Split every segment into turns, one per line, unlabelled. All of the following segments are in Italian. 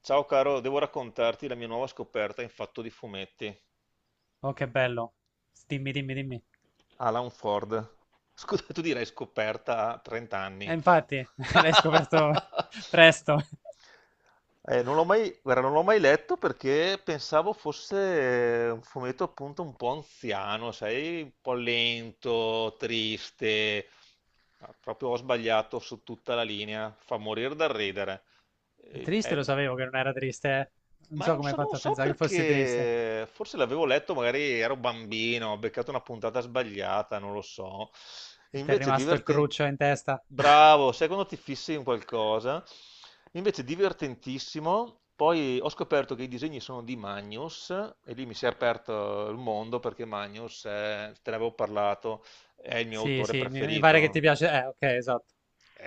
Ciao caro, devo raccontarti la mia nuova scoperta in fatto di fumetti.
Oh, che bello. Dimmi, dimmi, dimmi.
Alan Ford. Scusa, tu direi scoperta a 30
E
anni.
infatti, l'hai scoperto presto.
Non l'ho mai, guarda, non l'ho mai letto perché pensavo fosse un fumetto appunto un po' anziano, sai, un po' lento, triste. Ma proprio ho sbagliato su tutta la linea. Fa morire dal ridere. Eh,
Triste lo
eh,
sapevo che non era triste, eh. Non
Ma
so
non
come hai
so, non
fatto a
so
pensare che fossi triste.
perché, forse l'avevo letto, magari ero bambino, ho beccato una puntata sbagliata, non lo so. E
E ti è
invece
rimasto il
divertente.
cruccio in testa.
Bravo, sai quando ti fissi in qualcosa? Invece divertentissimo, poi ho scoperto che i disegni sono di Magnus e lì mi si è aperto il mondo perché Magnus, te ne avevo parlato, è il mio
Sì,
autore
sì, mi pare che ti
preferito,
piace. Ok, esatto.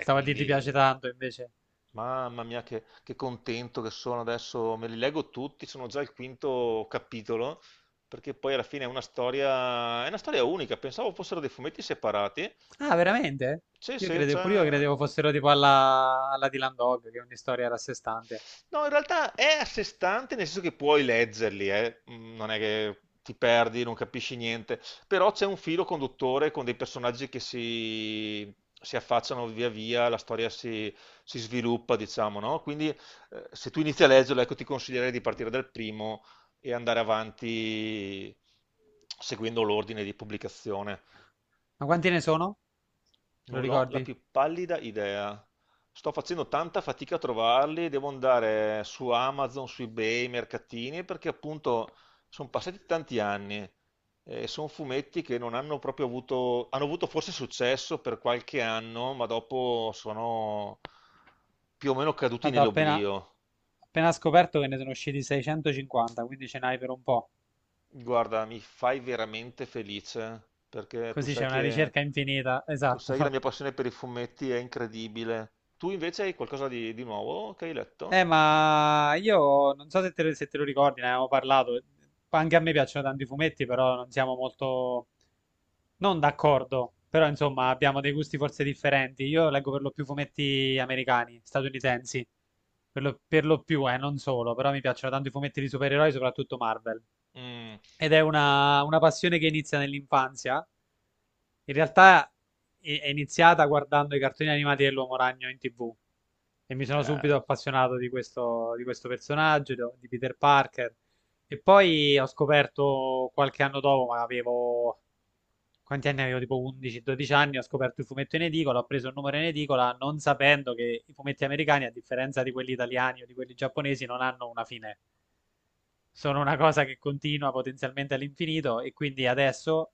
e
a dire ti
quindi.
piace tanto, invece.
Mamma mia, che contento che sono adesso, me li leggo tutti, sono già al quinto capitolo, perché poi alla fine è una storia unica, pensavo fossero dei fumetti separati.
Ah, veramente?
Sì,
Io
sì,
credevo, pure io
c'è.
credevo fossero tipo alla Dylan Dog, che è ogni storia era a sé stante.
No, in realtà è a sé stante, nel senso che puoi leggerli, eh. Non è che ti perdi, non capisci niente, però c'è un filo conduttore con dei personaggi che si affacciano via via, la storia si sviluppa, diciamo, no? Quindi se tu inizi a leggerlo, ecco, ti consiglierei di partire dal primo e andare avanti seguendo l'ordine di pubblicazione.
Ma quanti ne sono? Te lo
Non l'ho la
ricordi?
più pallida idea. Sto facendo tanta fatica a trovarli, devo andare su Amazon, su eBay, mercatini, perché appunto sono passati tanti anni e sono fumetti che non hanno proprio avuto, hanno avuto forse successo per qualche anno, ma dopo sono più o meno caduti
Guarda, ho appena,
nell'oblio.
appena scoperto che ne sono usciti 650, quindi ce n'hai per un po'.
Guarda, mi fai veramente felice perché tu
Così c'è
sai
una
che,
ricerca infinita,
tu sai che la
esatto.
mia passione per i fumetti è incredibile. Tu invece hai qualcosa di nuovo che hai letto?
Ma io non so se te lo ricordi, ne avevamo parlato. Anche a me piacciono tanti fumetti, però non siamo molto, non d'accordo, però insomma abbiamo dei gusti forse differenti. Io leggo per lo più fumetti americani, statunitensi. Per lo più, non solo, però mi piacciono tanto i fumetti di supereroi, soprattutto Marvel.
Mm,
Ed è una passione che inizia nell'infanzia. In realtà è iniziata guardando i cartoni animati dell'Uomo Ragno in TV e mi sono
eh,
subito appassionato di questo, personaggio, di Peter Parker. E poi ho scoperto qualche anno dopo, ma avevo. Quanti anni avevo? Tipo 11-12 anni, ho scoperto il fumetto in edicola, ho preso il numero in edicola non sapendo che i fumetti americani, a differenza di quelli italiani o di quelli giapponesi, non hanno una fine. Sono una cosa che continua potenzialmente all'infinito e quindi adesso,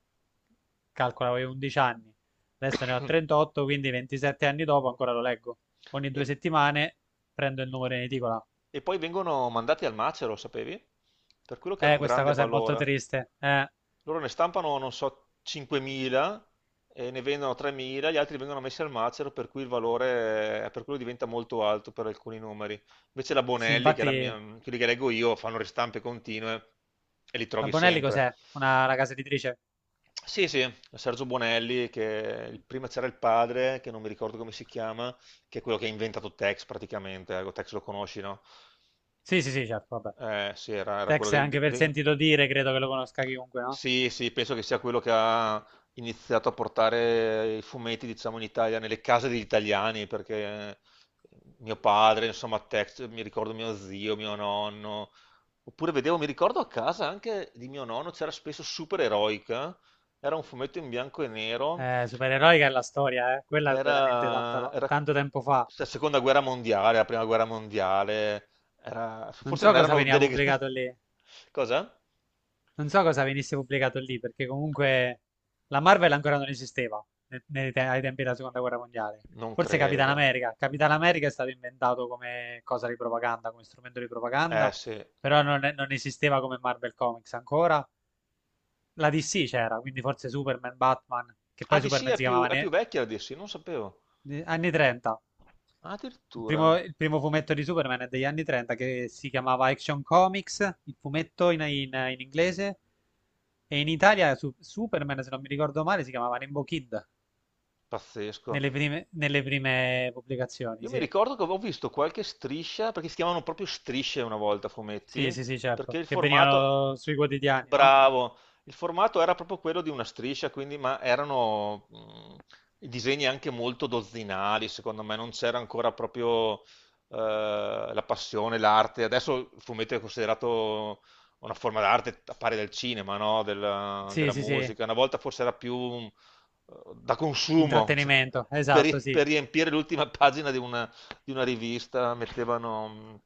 calcola, avevo 11 anni, adesso ne ho 38, quindi 27 anni dopo ancora lo leggo. Ogni
E
due settimane prendo il numero in edicola.
E poi vengono mandati al macero, sapevi? Per quello che hanno un
Questa
grande
cosa è molto
valore.
triste.
Loro ne stampano, non so, 5.000 e ne vendono 3.000, gli altri vengono messi al macero, per cui il valore, per quello diventa molto alto per alcuni numeri. Invece la
Sì,
Bonelli, che è la
infatti.
mia, quelli che leggo io, fanno ristampe continue e li
La
trovi
Bonelli
sempre.
cos'è? Una casa editrice?
Sì, sì, Sergio Bonelli, che prima c'era il padre, che non mi ricordo come si chiama, che è quello che ha inventato Tex praticamente, ecco, Tex lo conosci, no?
Sì, sì, sì, certo, vabbè.
Sì, era quello
Tex è
dei,
anche per
dei-
sentito dire, credo che lo conosca chiunque, no?
Sì, sì, penso che sia quello che ha iniziato a portare i fumetti, diciamo, in Italia, nelle case degli italiani, perché mio padre, insomma, Tex, mi ricordo mio zio, mio nonno, oppure vedevo, mi ricordo a casa anche di mio nonno, c'era spesso Super Eroica, era un fumetto in bianco e nero,
Supereroica è la storia, eh. Quella è
era,
veramente
era
tanto tempo fa.
la seconda guerra mondiale, la prima guerra mondiale,
Non
forse
so
non
cosa
erano
veniva
delle grandi.
pubblicato lì.
Cosa?
Non so cosa venisse pubblicato lì, perché comunque la Marvel ancora non esisteva ai tempi della Seconda Guerra Mondiale.
Non
Forse Capitan
credo.
America. Capitan America è stato inventato come cosa di propaganda, come strumento di
Eh
propaganda,
sì.
però non esisteva come Marvel Comics ancora. La DC c'era, quindi forse Superman, Batman, che
Ah,
poi
DC
Superman
è
si
più,
chiamava
è più vecchia la DC, non sapevo.
anni 30.
Ah,
Il primo,
addirittura.
il primo fumetto di Superman è degli anni 30 che si chiamava Action Comics, il fumetto in inglese, e in Italia Superman, se non mi ricordo male, si chiamava Rainbow Kid
Pazzesco.
nelle prime pubblicazioni,
Io mi
sì.
ricordo che avevo visto qualche striscia, perché si chiamavano proprio strisce una volta,
Sì,
fumetti,
sì, sì,
perché
certo,
il
che
formato,
venivano sui quotidiani, no?
bravo, il formato era proprio quello di una striscia, quindi, ma erano i disegni anche molto dozzinali, secondo me, non c'era ancora proprio la passione, l'arte. Adesso il fumetto è considerato una forma d'arte a pari del cinema, no? Della,
Sì,
della
sì, sì,
musica. Una volta forse era più da consumo.
intrattenimento,
Per,
esatto,
ri-
sì.
per riempire l'ultima pagina di una, rivista mettevano,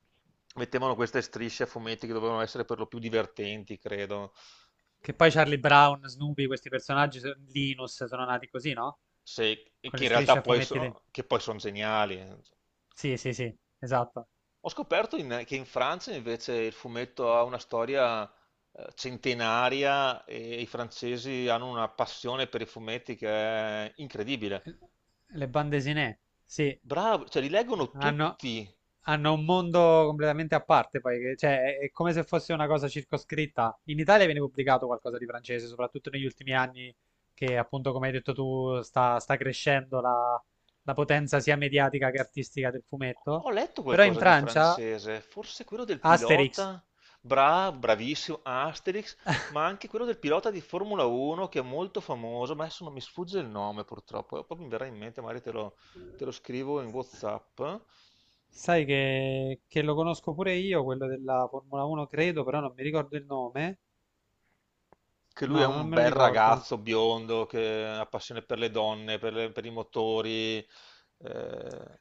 mettevano queste strisce a fumetti che dovevano essere per lo più divertenti, credo,
Che poi
che,
Charlie Brown, Snoopy, questi personaggi, Linus, sono nati così, no?
se-
Con
che
le
in
strisce
realtà
a
poi
fumetti.
sono, che poi sono geniali.
Sì, sì, sì, esatto.
Ho scoperto che in Francia invece il fumetto ha una storia centenaria e i francesi hanno una passione per i fumetti che è incredibile.
Le bande desinè, sì,
Bravo, cioè li leggono
hanno,
tutti.
hanno un mondo completamente a parte, poi, cioè, è come se fosse una cosa circoscritta. In Italia viene pubblicato qualcosa di francese, soprattutto negli ultimi anni, che appunto, come hai detto tu, sta crescendo la potenza sia mediatica che artistica del fumetto.
Ho letto
Però in
qualcosa di
Francia,
francese, forse quello del
Asterix,
pilota, bravissimo, Asterix, ma anche quello del pilota di Formula 1 che è molto famoso, ma adesso non mi sfugge il nome purtroppo, poi mi verrà in mente, magari te lo scrivo in WhatsApp,
sai che lo conosco pure io, quello della Formula 1, credo, però non mi ricordo il nome.
che lui è
No, non
un
me lo
bel
ricordo.
ragazzo biondo che ha passione per le donne, per, per i motori,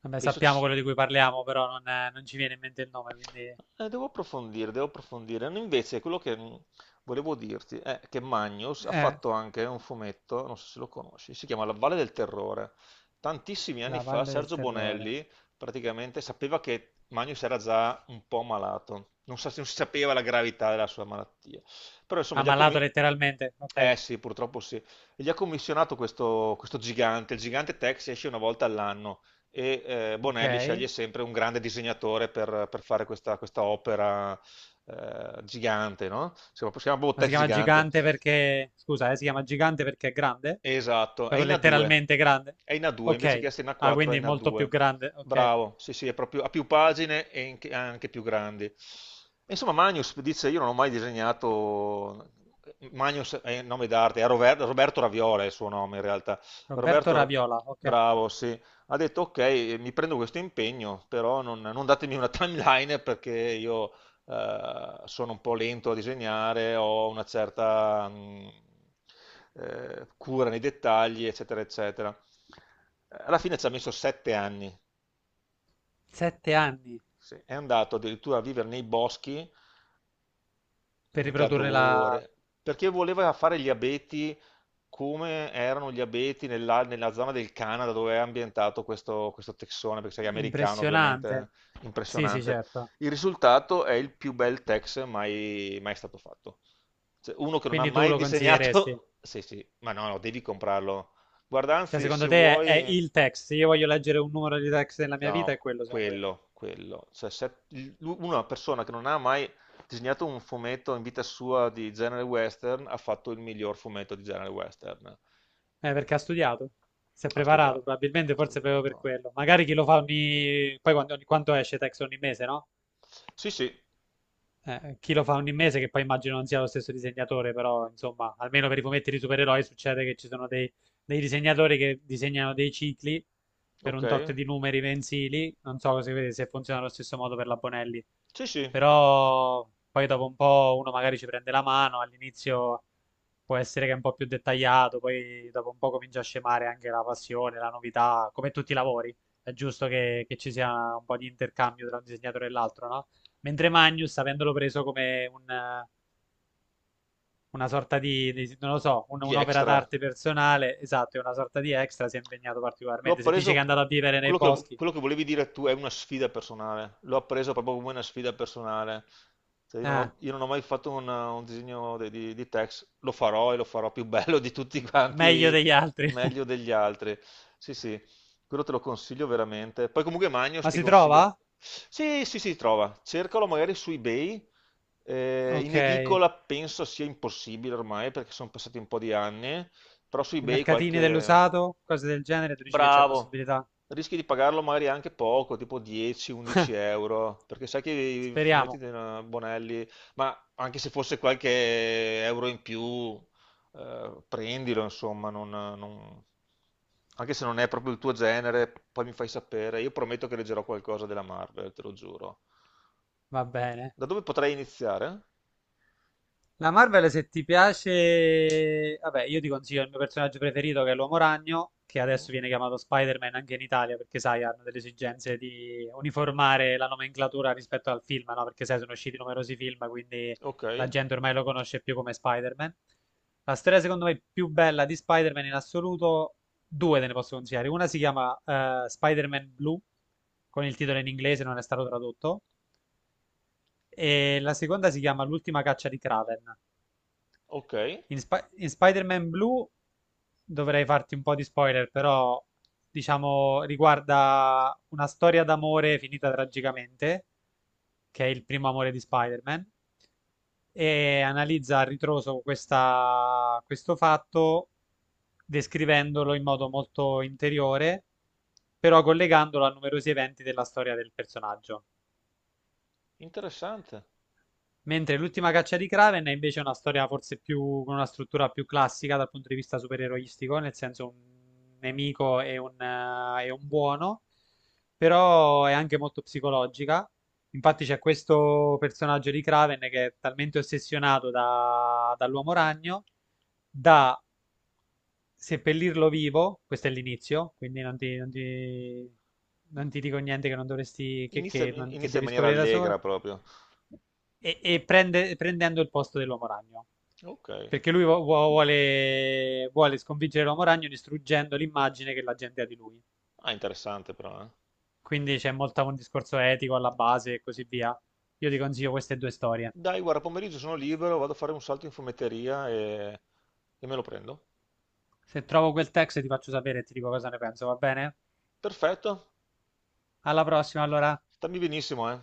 Vabbè,
penso
sappiamo
ci-
quello di cui parliamo, però non ci viene in mente il nome, quindi.
Devo approfondire, devo approfondire. No, invece, quello che volevo dirti è che Magnus ha
Eh,
fatto anche un fumetto, non so se lo conosci, si chiama La Valle del Terrore. Tantissimi anni
la
fa
Valle del
Sergio
Terrore.
Bonelli praticamente sapeva che Magnus era già un po' malato, non, non si sapeva la gravità della sua malattia. Però insomma, gli ha
Ammalato letteralmente, ok,
eh sì, purtroppo sì. Gli ha commissionato questo, questo gigante, il gigante Tex esce una volta all'anno e Bonelli
ok.
sceglie sempre un grande disegnatore per fare questa, opera gigante, no? Si chiama
Ma
proprio
si
Tex
chiama
Gigante.
gigante perché. Scusa, si chiama gigante perché è grande?
Esatto, è
Proprio
in A2,
letteralmente grande?
è in A2, invece che
Ok.
essere in
Ah,
A4 è
quindi
in
molto più
A2.
grande, ok.
Bravo, sì sì, è proprio, ha più pagine e anche più grandi. E insomma, Magnus dice, io non ho mai disegnato, Magnus è il nome d'arte, è Roberto Raviola è il suo nome in realtà.
Roberto
Roberto,
Raviola, ok.
bravo, sì, ha detto ok, mi prendo questo impegno, però non datemi una timeline perché io sono un po' lento a disegnare, ho una certa cura nei dettagli, eccetera, eccetera. Alla fine ci ha messo 7 anni,
7 anni
sì. È andato addirittura a vivere nei boschi,
per
Un
riprodurre la.
Cadore, perché voleva fare gli abeti come erano gli abeti nella, zona del Canada dove è ambientato questo texone, perché sei americano
Impressionante.
ovviamente,
Sì, sì,
impressionante.
certo.
Il risultato è il più bel tex mai, mai stato fatto. Cioè, uno che non ha
Quindi tu
mai
lo consiglieresti?
disegnato, sì sì, ma no, no, devi comprarlo. Guarda,
Cioè,
anzi, se
secondo te è
vuoi.
il text? Se io voglio leggere un numero di text nella mia vita, è
No,
quello, secondo
quello, quello. Cioè, se una persona che non ha mai disegnato un fumetto in vita sua di genere western ha fatto il miglior fumetto di genere western.
te? Perché ha studiato? Si è
Ha
preparato,
studiato.
probabilmente,
Ha
forse proprio per
studiato.
quello. Magari chi lo fa ogni. Poi quanto esce text ogni mese, no?
Sì, sì,
Chi lo fa ogni mese, che poi immagino non sia lo stesso disegnatore, però, insomma, almeno per i fumetti di supereroi succede che ci sono dei disegnatori che disegnano dei cicli per
ok.
un tot di numeri mensili. Non so se funziona allo stesso modo per la Bonelli.
Sì, sì,
Però poi dopo un po' uno magari ci prende la mano, all'inizio può essere che è un po' più dettagliato, poi dopo un po' comincia a scemare anche la passione, la novità, come tutti i lavori, è giusto che ci sia un po' di intercambio tra un disegnatore e l'altro, no? Mentre Magnus, avendolo preso come una sorta non lo so,
di
un'opera
extra.
d'arte personale, esatto, è una sorta di extra, si è impegnato
L'ho
particolarmente. Se dice che è
appreso,
andato a vivere nei
quello che,
boschi,
quello che volevi dire tu è una sfida personale, l'ho appreso proprio come una sfida personale. Cioè, io non
eh,
ho, io non ho mai fatto un disegno di text, lo farò e lo farò più bello di tutti
meglio
quanti,
degli altri.
meglio degli altri. Sì, sì, quello te lo consiglio veramente. Poi comunque Magnos
Ma
ti
si
consiglio.
trova?
Sì, sì, sì, trova, cercalo magari su eBay. In
Ok.
edicola penso sia impossibile ormai perché sono passati un po' di anni, però su
I
eBay
mercatini
qualche.
dell'usato, cose del genere, tu dici che c'è
Bravo!
possibilità?
Rischi di pagarlo magari anche poco, tipo 10-11 euro, perché sai che i fumetti
Speriamo.
di Bonelli, ma anche se fosse qualche euro in più, prendilo, insomma, non- non- anche se non è proprio il tuo genere, poi mi fai sapere. Io prometto che leggerò qualcosa della Marvel, te lo giuro.
Va bene.
Da dove potrei iniziare?
La Marvel, se ti piace, vabbè, io ti consiglio il mio personaggio preferito che è l'Uomo Ragno, che
Mm,
adesso viene chiamato Spider-Man anche in Italia, perché sai, hanno delle esigenze di uniformare la nomenclatura rispetto al film, no? Perché sai, sono usciti numerosi film, quindi
ok,
la gente ormai lo conosce più come Spider-Man. La storia, secondo me, più bella di Spider-Man in assoluto, due te ne posso consigliare. Una si chiama Spider-Man Blue, con il titolo in inglese, non è stato tradotto, e la seconda si chiama L'ultima caccia di Kraven.
ok,
In Spider-Man Blue dovrei farti un po' di spoiler, però diciamo riguarda una storia d'amore finita tragicamente, che è il primo amore di Spider-Man, e analizza a ritroso questo fatto descrivendolo in modo molto interiore, però collegandolo a numerosi eventi della storia del personaggio.
interessante.
Mentre l'ultima caccia di Kraven è invece una storia forse più con una struttura più classica dal punto di vista supereroistico, nel senso un nemico e un buono, però è anche molto psicologica. Infatti c'è questo personaggio di Kraven che è talmente ossessionato dall'Uomo Ragno da seppellirlo vivo, questo è l'inizio, quindi non ti dico niente che non dovresti,
Inizia,
che non- che
inizia in
devi
maniera
scoprire da
allegra
solo
proprio.
prendendo il posto dell'Uomo Ragno.
Ok.
Perché lui vuole sconfiggere l'Uomo Ragno distruggendo l'immagine che la gente ha di lui.
Ah, interessante però, eh.
Quindi c'è molto un discorso etico alla base e così via. Io ti consiglio queste due storie.
Dai, guarda, pomeriggio sono libero, vado a fare un salto in fumetteria e me lo prendo.
Se trovo quel text ti faccio sapere e ti dico cosa ne penso, va bene?
Perfetto.
Alla prossima, allora.
Stammi benissimo, eh.